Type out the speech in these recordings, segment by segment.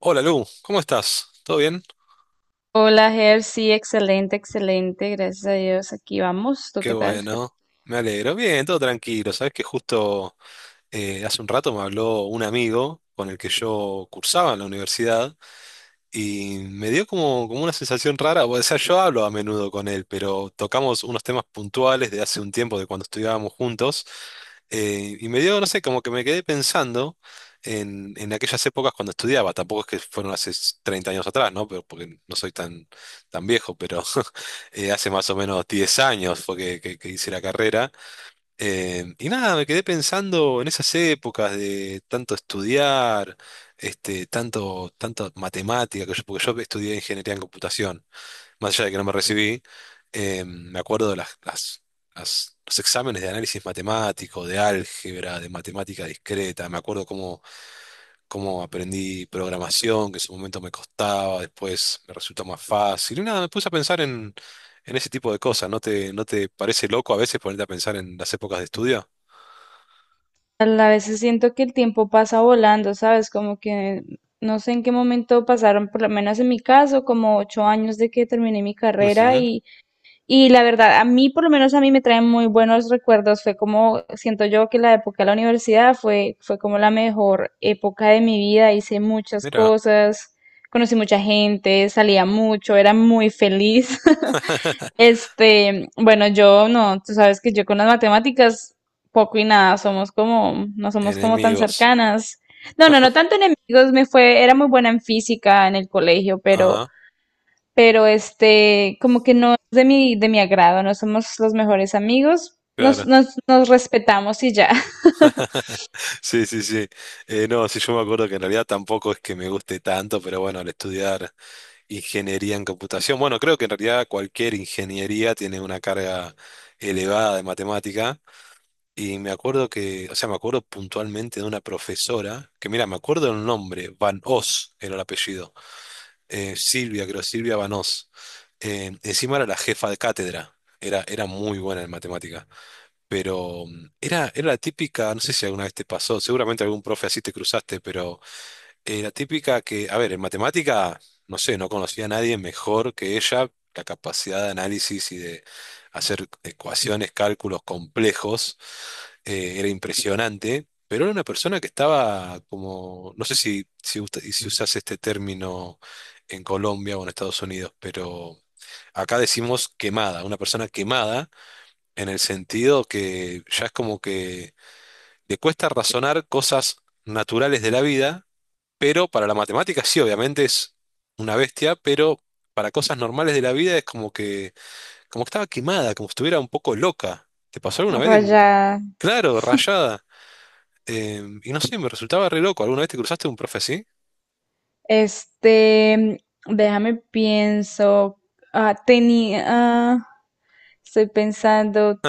Hola Lu, ¿cómo estás? ¿Todo bien? Hola, Ger, sí, excelente, excelente, gracias a Dios, aquí vamos, ¿tú Qué qué tal? ¿Qué bueno, me alegro. Bien, todo tranquilo. Sabes que justo hace un rato me habló un amigo con el que yo cursaba en la universidad. Y me dio como una sensación rara, o sea, yo hablo a menudo con él, pero tocamos unos temas puntuales de hace un tiempo, de cuando estudiábamos juntos. Eh, y me dio, no sé, como que me quedé pensando en aquellas épocas cuando estudiaba. Tampoco es que fueron hace 30 años atrás, ¿no? Pero, porque no soy tan viejo, pero hace más o menos 10 años fue que hice la carrera. Y nada, me quedé pensando en esas épocas de tanto estudiar, este, tanto matemática, que yo, porque yo estudié ingeniería en computación, más allá de que no me recibí. Em, me acuerdo de los exámenes de análisis matemático, de álgebra, de matemática discreta. Me acuerdo cómo aprendí programación, que en su momento me costaba, después me resulta más fácil. Y nada, me puse a pensar en ese tipo de cosas. ¿No te parece loco a veces ponerte a pensar en las épocas de estudio? tal? A veces siento que el tiempo pasa volando, ¿sabes? Como que no sé en qué momento pasaron, por lo menos en mi caso, como 8 años de que terminé mi carrera Ujú, y la verdad, a mí, por lo menos a mí me traen muy buenos recuerdos, fue como, siento yo que la época de la universidad fue, fue como la mejor época de mi vida, hice muchas mira, cosas, conocí mucha gente, salía mucho, era muy feliz. Este, bueno, yo no, tú sabes que yo con las matemáticas poco y nada, somos como, no somos como tan enemigos. cercanas. No, no, no tanto enemigos, me fue, era muy buena en física en el colegio, Ah, pero este, como que no es de mi agrado, no somos los mejores amigos, nos, claro. nos, nos respetamos y ya. Sí, sí, sí. No, sí, yo me acuerdo que en realidad tampoco es que me guste tanto, pero bueno, al estudiar ingeniería en computación. Bueno, creo que en realidad cualquier ingeniería tiene una carga elevada de matemática. Y me acuerdo que, o sea, me acuerdo puntualmente de una profesora, que, mira, me acuerdo el nombre, Van Os era el apellido. Silvia, creo, Silvia Van Os. Encima era la jefa de cátedra. Era muy buena en matemática. Pero era la típica, no sé si alguna vez te pasó, seguramente algún profe así te cruzaste. Pero la típica que, a ver, en matemática, no sé, no conocía a nadie mejor que ella. La capacidad de análisis y de hacer ecuaciones, cálculos complejos, era impresionante. Pero era una persona que estaba como, no sé si usas este término en Colombia o en Estados Unidos. Pero acá decimos quemada, una persona quemada en el sentido que ya es como que le cuesta razonar cosas naturales de la vida, pero para la matemática sí, obviamente es una bestia. Pero para cosas normales de la vida es como que estaba quemada, como si estuviera un poco loca. ¿Te pasó alguna vez? Raya, Claro, rayada. Y no sé, me resultaba re loco. ¿Alguna vez te cruzaste un profe así? este, déjame pienso, tenía, estoy pensando.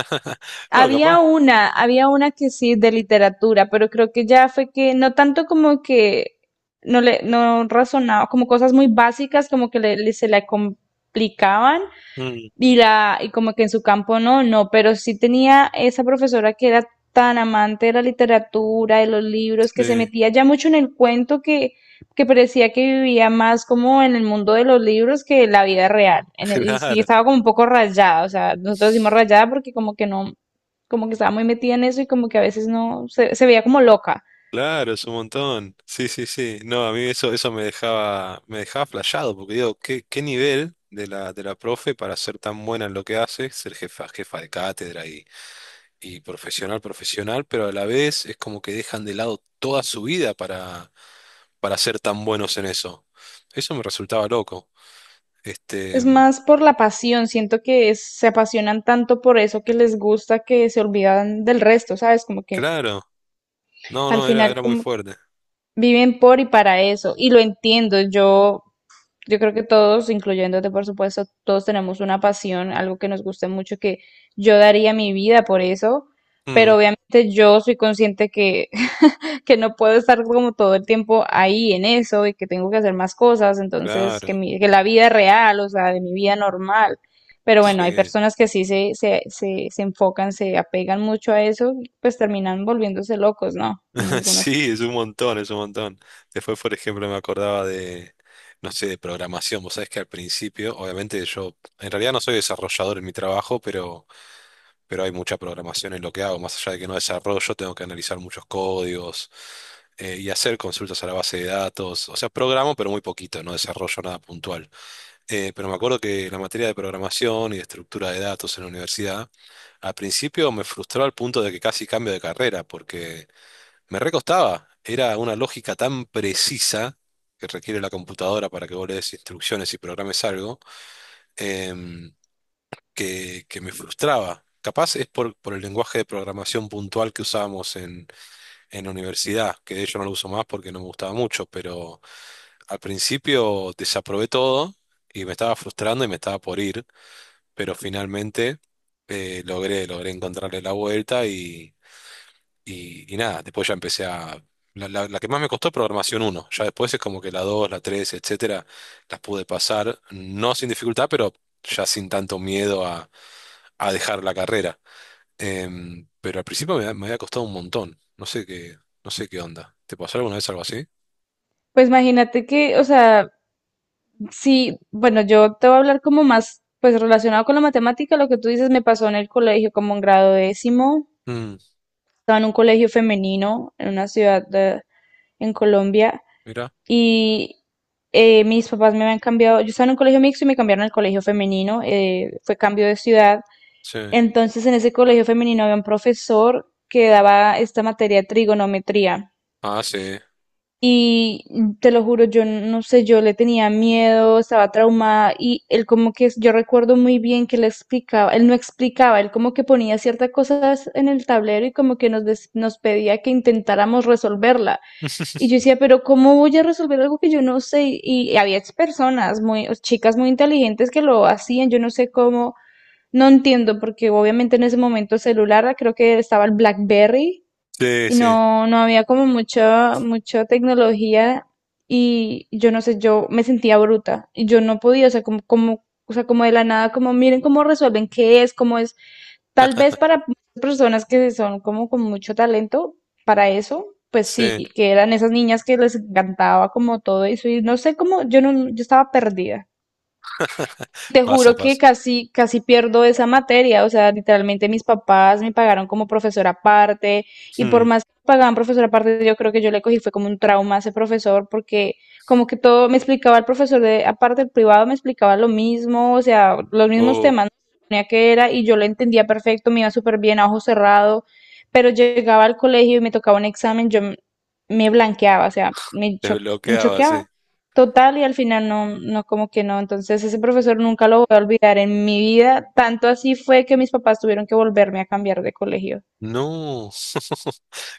No, capaz. Había una que sí de literatura, pero creo que ya fue que no tanto como que no le no razonaba, como cosas muy básicas como que se le complicaban, Mm, y la y como que en su campo no, no, pero sí tenía esa profesora que era tan amante de la literatura, de los libros, que se sí, metía ya mucho en el cuento que parecía que vivía más como en el mundo de los libros que la vida real. Y sí claro, estaba como un poco rayada, o sea, nosotros decimos rayada porque como que no, como que estaba muy metida en eso y como que a veces no, se veía como loca. claro, es un montón. Sí, sí, sí. No, a mí eso me dejaba flasheado, porque digo, ¿qué nivel de la profe para ser tan buena en lo que hace? Ser jefa de cátedra y profesional, profesional, pero a la vez es como que dejan de lado toda su vida para ser tan buenos en eso. Eso me resultaba loco. Es Este, mm, más por la pasión, siento que se apasionan tanto por eso que les gusta que se olvidan del resto, ¿sabes? Como que claro, no, al no, era, final era muy como fuerte. viven por y para eso, y lo entiendo. Yo creo que todos, incluyéndote por supuesto, todos tenemos una pasión, algo que nos guste mucho, que yo daría mi vida por eso, Mm, pero obviamente yo soy consciente que, que no puedo estar como todo el tiempo ahí en eso y que tengo que hacer más cosas, entonces que, claro, mi, que la vida real, o sea, de mi vida normal. Pero bueno, hay sí. personas que sí se enfocan, se apegan mucho a eso, pues terminan volviéndose locos, ¿no? En algunos. Sí, es un montón, es un montón. Después, por ejemplo, me acordaba de, no sé, de programación. Vos sabés que al principio, obviamente yo, en realidad no soy desarrollador en mi trabajo, pero... Pero hay mucha programación en lo que hago. Más allá de que no desarrollo, tengo que analizar muchos códigos, y hacer consultas a la base de datos. O sea, programo, pero muy poquito, no desarrollo nada puntual. Pero me acuerdo que la materia de programación y de estructura de datos en la universidad, al principio me frustró al punto de que casi cambio de carrera, porque me recostaba. Era una lógica tan precisa que requiere la computadora para que vos le des instrucciones y programes algo. em, que me frustraba. Capaz es por el lenguaje de programación puntual que usábamos en la universidad, que de hecho no lo uso más porque no me gustaba mucho. Pero al principio desaprobé todo y me estaba frustrando y me estaba por ir, pero finalmente logré encontrarle la vuelta. Y nada, después ya empecé a... La que más me costó, programación uno. Ya después es como que la dos, la tres, etcétera, las pude pasar, no sin dificultad, pero ya sin tanto miedo a dejar la carrera. Pero al principio me había costado un montón. No sé qué onda. ¿Te pasó alguna vez algo así? Pues imagínate que, o sea, sí, bueno, yo te voy a hablar como más, pues relacionado con la matemática, lo que tú dices me pasó en el colegio como en grado décimo, Mm, estaba en un colegio femenino en una ciudad en Colombia mira, y mis papás me habían cambiado, yo estaba en un colegio mixto y me cambiaron al colegio femenino, fue cambio de ciudad, sí. entonces en ese colegio femenino había un profesor que daba esta materia de trigonometría. Ah, sí. Y te lo juro, yo no sé, yo le tenía miedo, estaba traumada y él como que, yo recuerdo muy bien que le explicaba, él no explicaba, él como que ponía ciertas cosas en el tablero y como que nos, nos pedía que intentáramos resolverla. Y yo decía, pero ¿cómo voy a resolver algo que yo no sé? Y había personas muy, chicas muy inteligentes que lo hacían, yo no sé cómo, no entiendo, porque obviamente en ese momento el celular, creo que estaba el BlackBerry Sí, y sí, no, no había como mucha, mucha tecnología y yo no sé, yo me sentía bruta y yo no podía, o sea, como, como, o sea, como de la nada, como miren cómo resuelven, qué es, cómo es, tal vez para personas que son como con mucho talento para eso. Pues sí. sí, que eran esas niñas que les encantaba como todo eso y no sé cómo, yo no, yo estaba perdida. Te Pasa, juro que pasa. casi, casi pierdo esa materia, o sea, literalmente mis papás me pagaron como profesora aparte y por Mm. más que pagaban profesora aparte, yo creo que yo le cogí fue como un trauma a ese profesor porque como que todo me explicaba el profesor de aparte el privado me explicaba lo mismo, o sea, los mismos Oh, temas suponía que era y yo lo entendía perfecto, me iba súper bien a ojo cerrado, pero llegaba al colegio y me tocaba un examen, yo me blanqueaba, o sea, me desbloqueaba, sí. choqueaba total y al final no, no, como que no. Entonces ese profesor nunca lo voy a olvidar en mi vida. Tanto así fue que mis papás tuvieron que volverme a cambiar de colegio. No.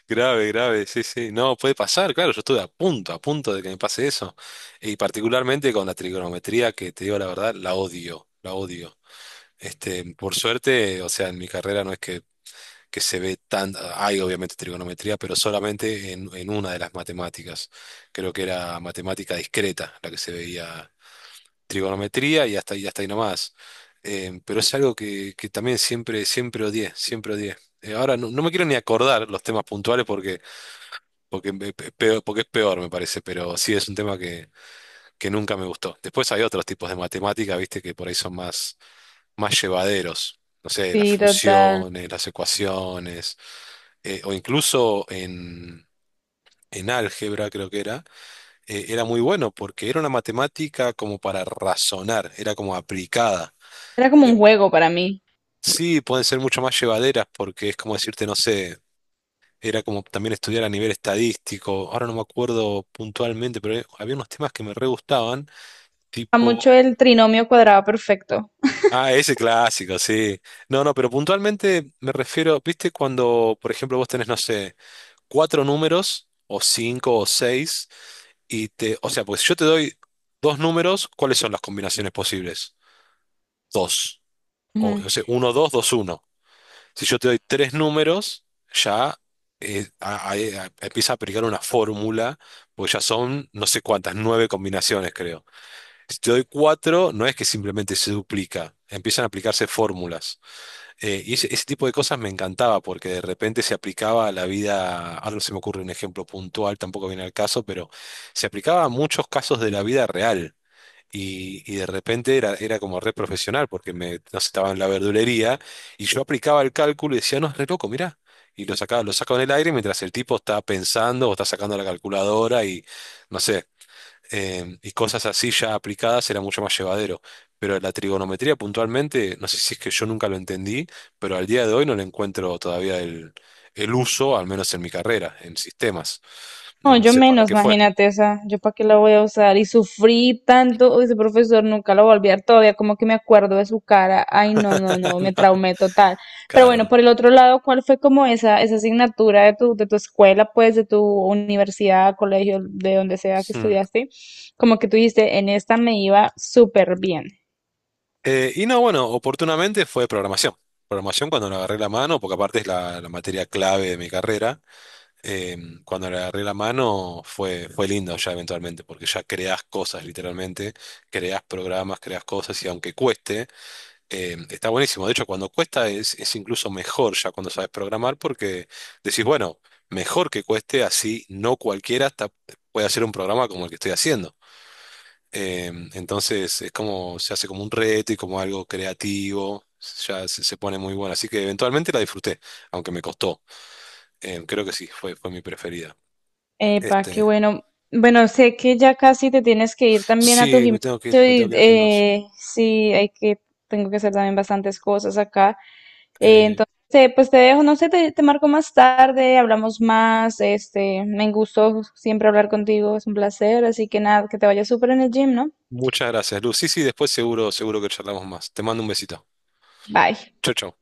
Grave, grave, sí, sí. No, puede pasar, claro, yo estuve a punto de que me pase eso. Y particularmente con la trigonometría, que te digo la verdad, la odio, la odio. Este, por suerte, o sea, en mi carrera no es que se ve tan, hay obviamente trigonometría, pero solamente en una de las matemáticas. Creo que era matemática discreta la que se veía trigonometría, y hasta ahí nomás. Pero es algo que también siempre, siempre odié, siempre odié. Ahora no me quiero ni acordar los temas puntuales, porque porque es peor, me parece. Pero sí es un tema que nunca me gustó. Después hay otros tipos de matemática, viste, que por ahí son más llevaderos. No sé, las Sí, total. funciones, las ecuaciones, o incluso en álgebra, creo que era muy bueno porque era una matemática como para razonar, era como aplicada. Era como un De- juego para mí. sí, pueden ser mucho más llevaderas porque es como decirte, no sé. Era como también estudiar a nivel estadístico. Ahora no me acuerdo puntualmente, pero había unos temas que me re gustaban, A tipo. mucho el trinomio cuadrado perfecto. Ah, ese clásico, sí. No, no, pero puntualmente me refiero, ¿viste cuando, por ejemplo, vos tenés, no sé, cuatro números, o cinco, o seis, y te. O sea, pues yo te doy dos números, ¿cuáles son las combinaciones posibles? Dos. O, no sé, uno, dos, dos, uno. Si yo te doy tres números, ya empieza a aplicar una fórmula, porque ya son no sé cuántas, nueve combinaciones, creo. Si te doy cuatro, no es que simplemente se duplica, empiezan a aplicarse fórmulas. Y ese tipo de cosas me encantaba, porque de repente se aplicaba a la vida, ahora no se me ocurre un ejemplo puntual, tampoco viene al caso, pero se aplicaba a muchos casos de la vida real. Y de repente era como re profesional, porque me, no sé, estaba en la verdulería y yo aplicaba el cálculo y decía, no, es re loco, mirá. Y lo sacaba en el aire mientras el tipo está pensando o está sacando la calculadora, y no sé, y cosas así ya aplicadas era mucho más llevadero. Pero la trigonometría puntualmente, no sé si es que yo nunca lo entendí, pero al día de hoy no le encuentro todavía el uso, al menos en mi carrera, en sistemas. No, No, no yo sé para menos, qué fue. imagínate, esa, yo para qué la voy a usar. Y sufrí tanto, uy, ese profesor nunca lo voy a olvidar todavía, como que me acuerdo de su cara. Ay, no, no, no, me No, traumé total. Pero claro, bueno, ¿no? por el otro lado, ¿cuál fue como esa asignatura de tu escuela, pues, de tu universidad, colegio, de donde sea que Mm. estudiaste? Como que tú dijiste, en esta me iba súper bien. Y no, bueno, oportunamente fue programación. Programación cuando le agarré la mano, porque aparte es la materia clave de mi carrera, eh, cuando le agarré la mano fue lindo ya eventualmente, porque ya creás cosas literalmente, creás programas, creás cosas y aunque cueste, está buenísimo. De hecho, cuando cuesta es incluso mejor ya cuando sabes programar, porque decís, bueno, mejor que cueste, así no cualquiera hasta puede hacer un programa como el que estoy haciendo. Entonces es como, se hace como un reto y como algo creativo, ya se pone muy bueno. Así que eventualmente la disfruté, aunque me costó. Creo que sí, fue mi preferida. Epa, qué Este, bueno. Bueno, sé que ya casi te tienes que ir también a tu sí, me gimnasio tengo que ir, me tengo y que ir al gimnasio. Sí, hay que, tengo que hacer también bastantes cosas acá. Eh, Entonces, pues te dejo, no sé, te marco más tarde, hablamos más, este, me gustó siempre hablar contigo, es un placer, así que nada, que te vaya súper en el gym, ¿no? Muchas gracias, Luz. Sí, sí, después seguro, seguro que charlamos más. Te mando un besito. Bye. Chau, chau.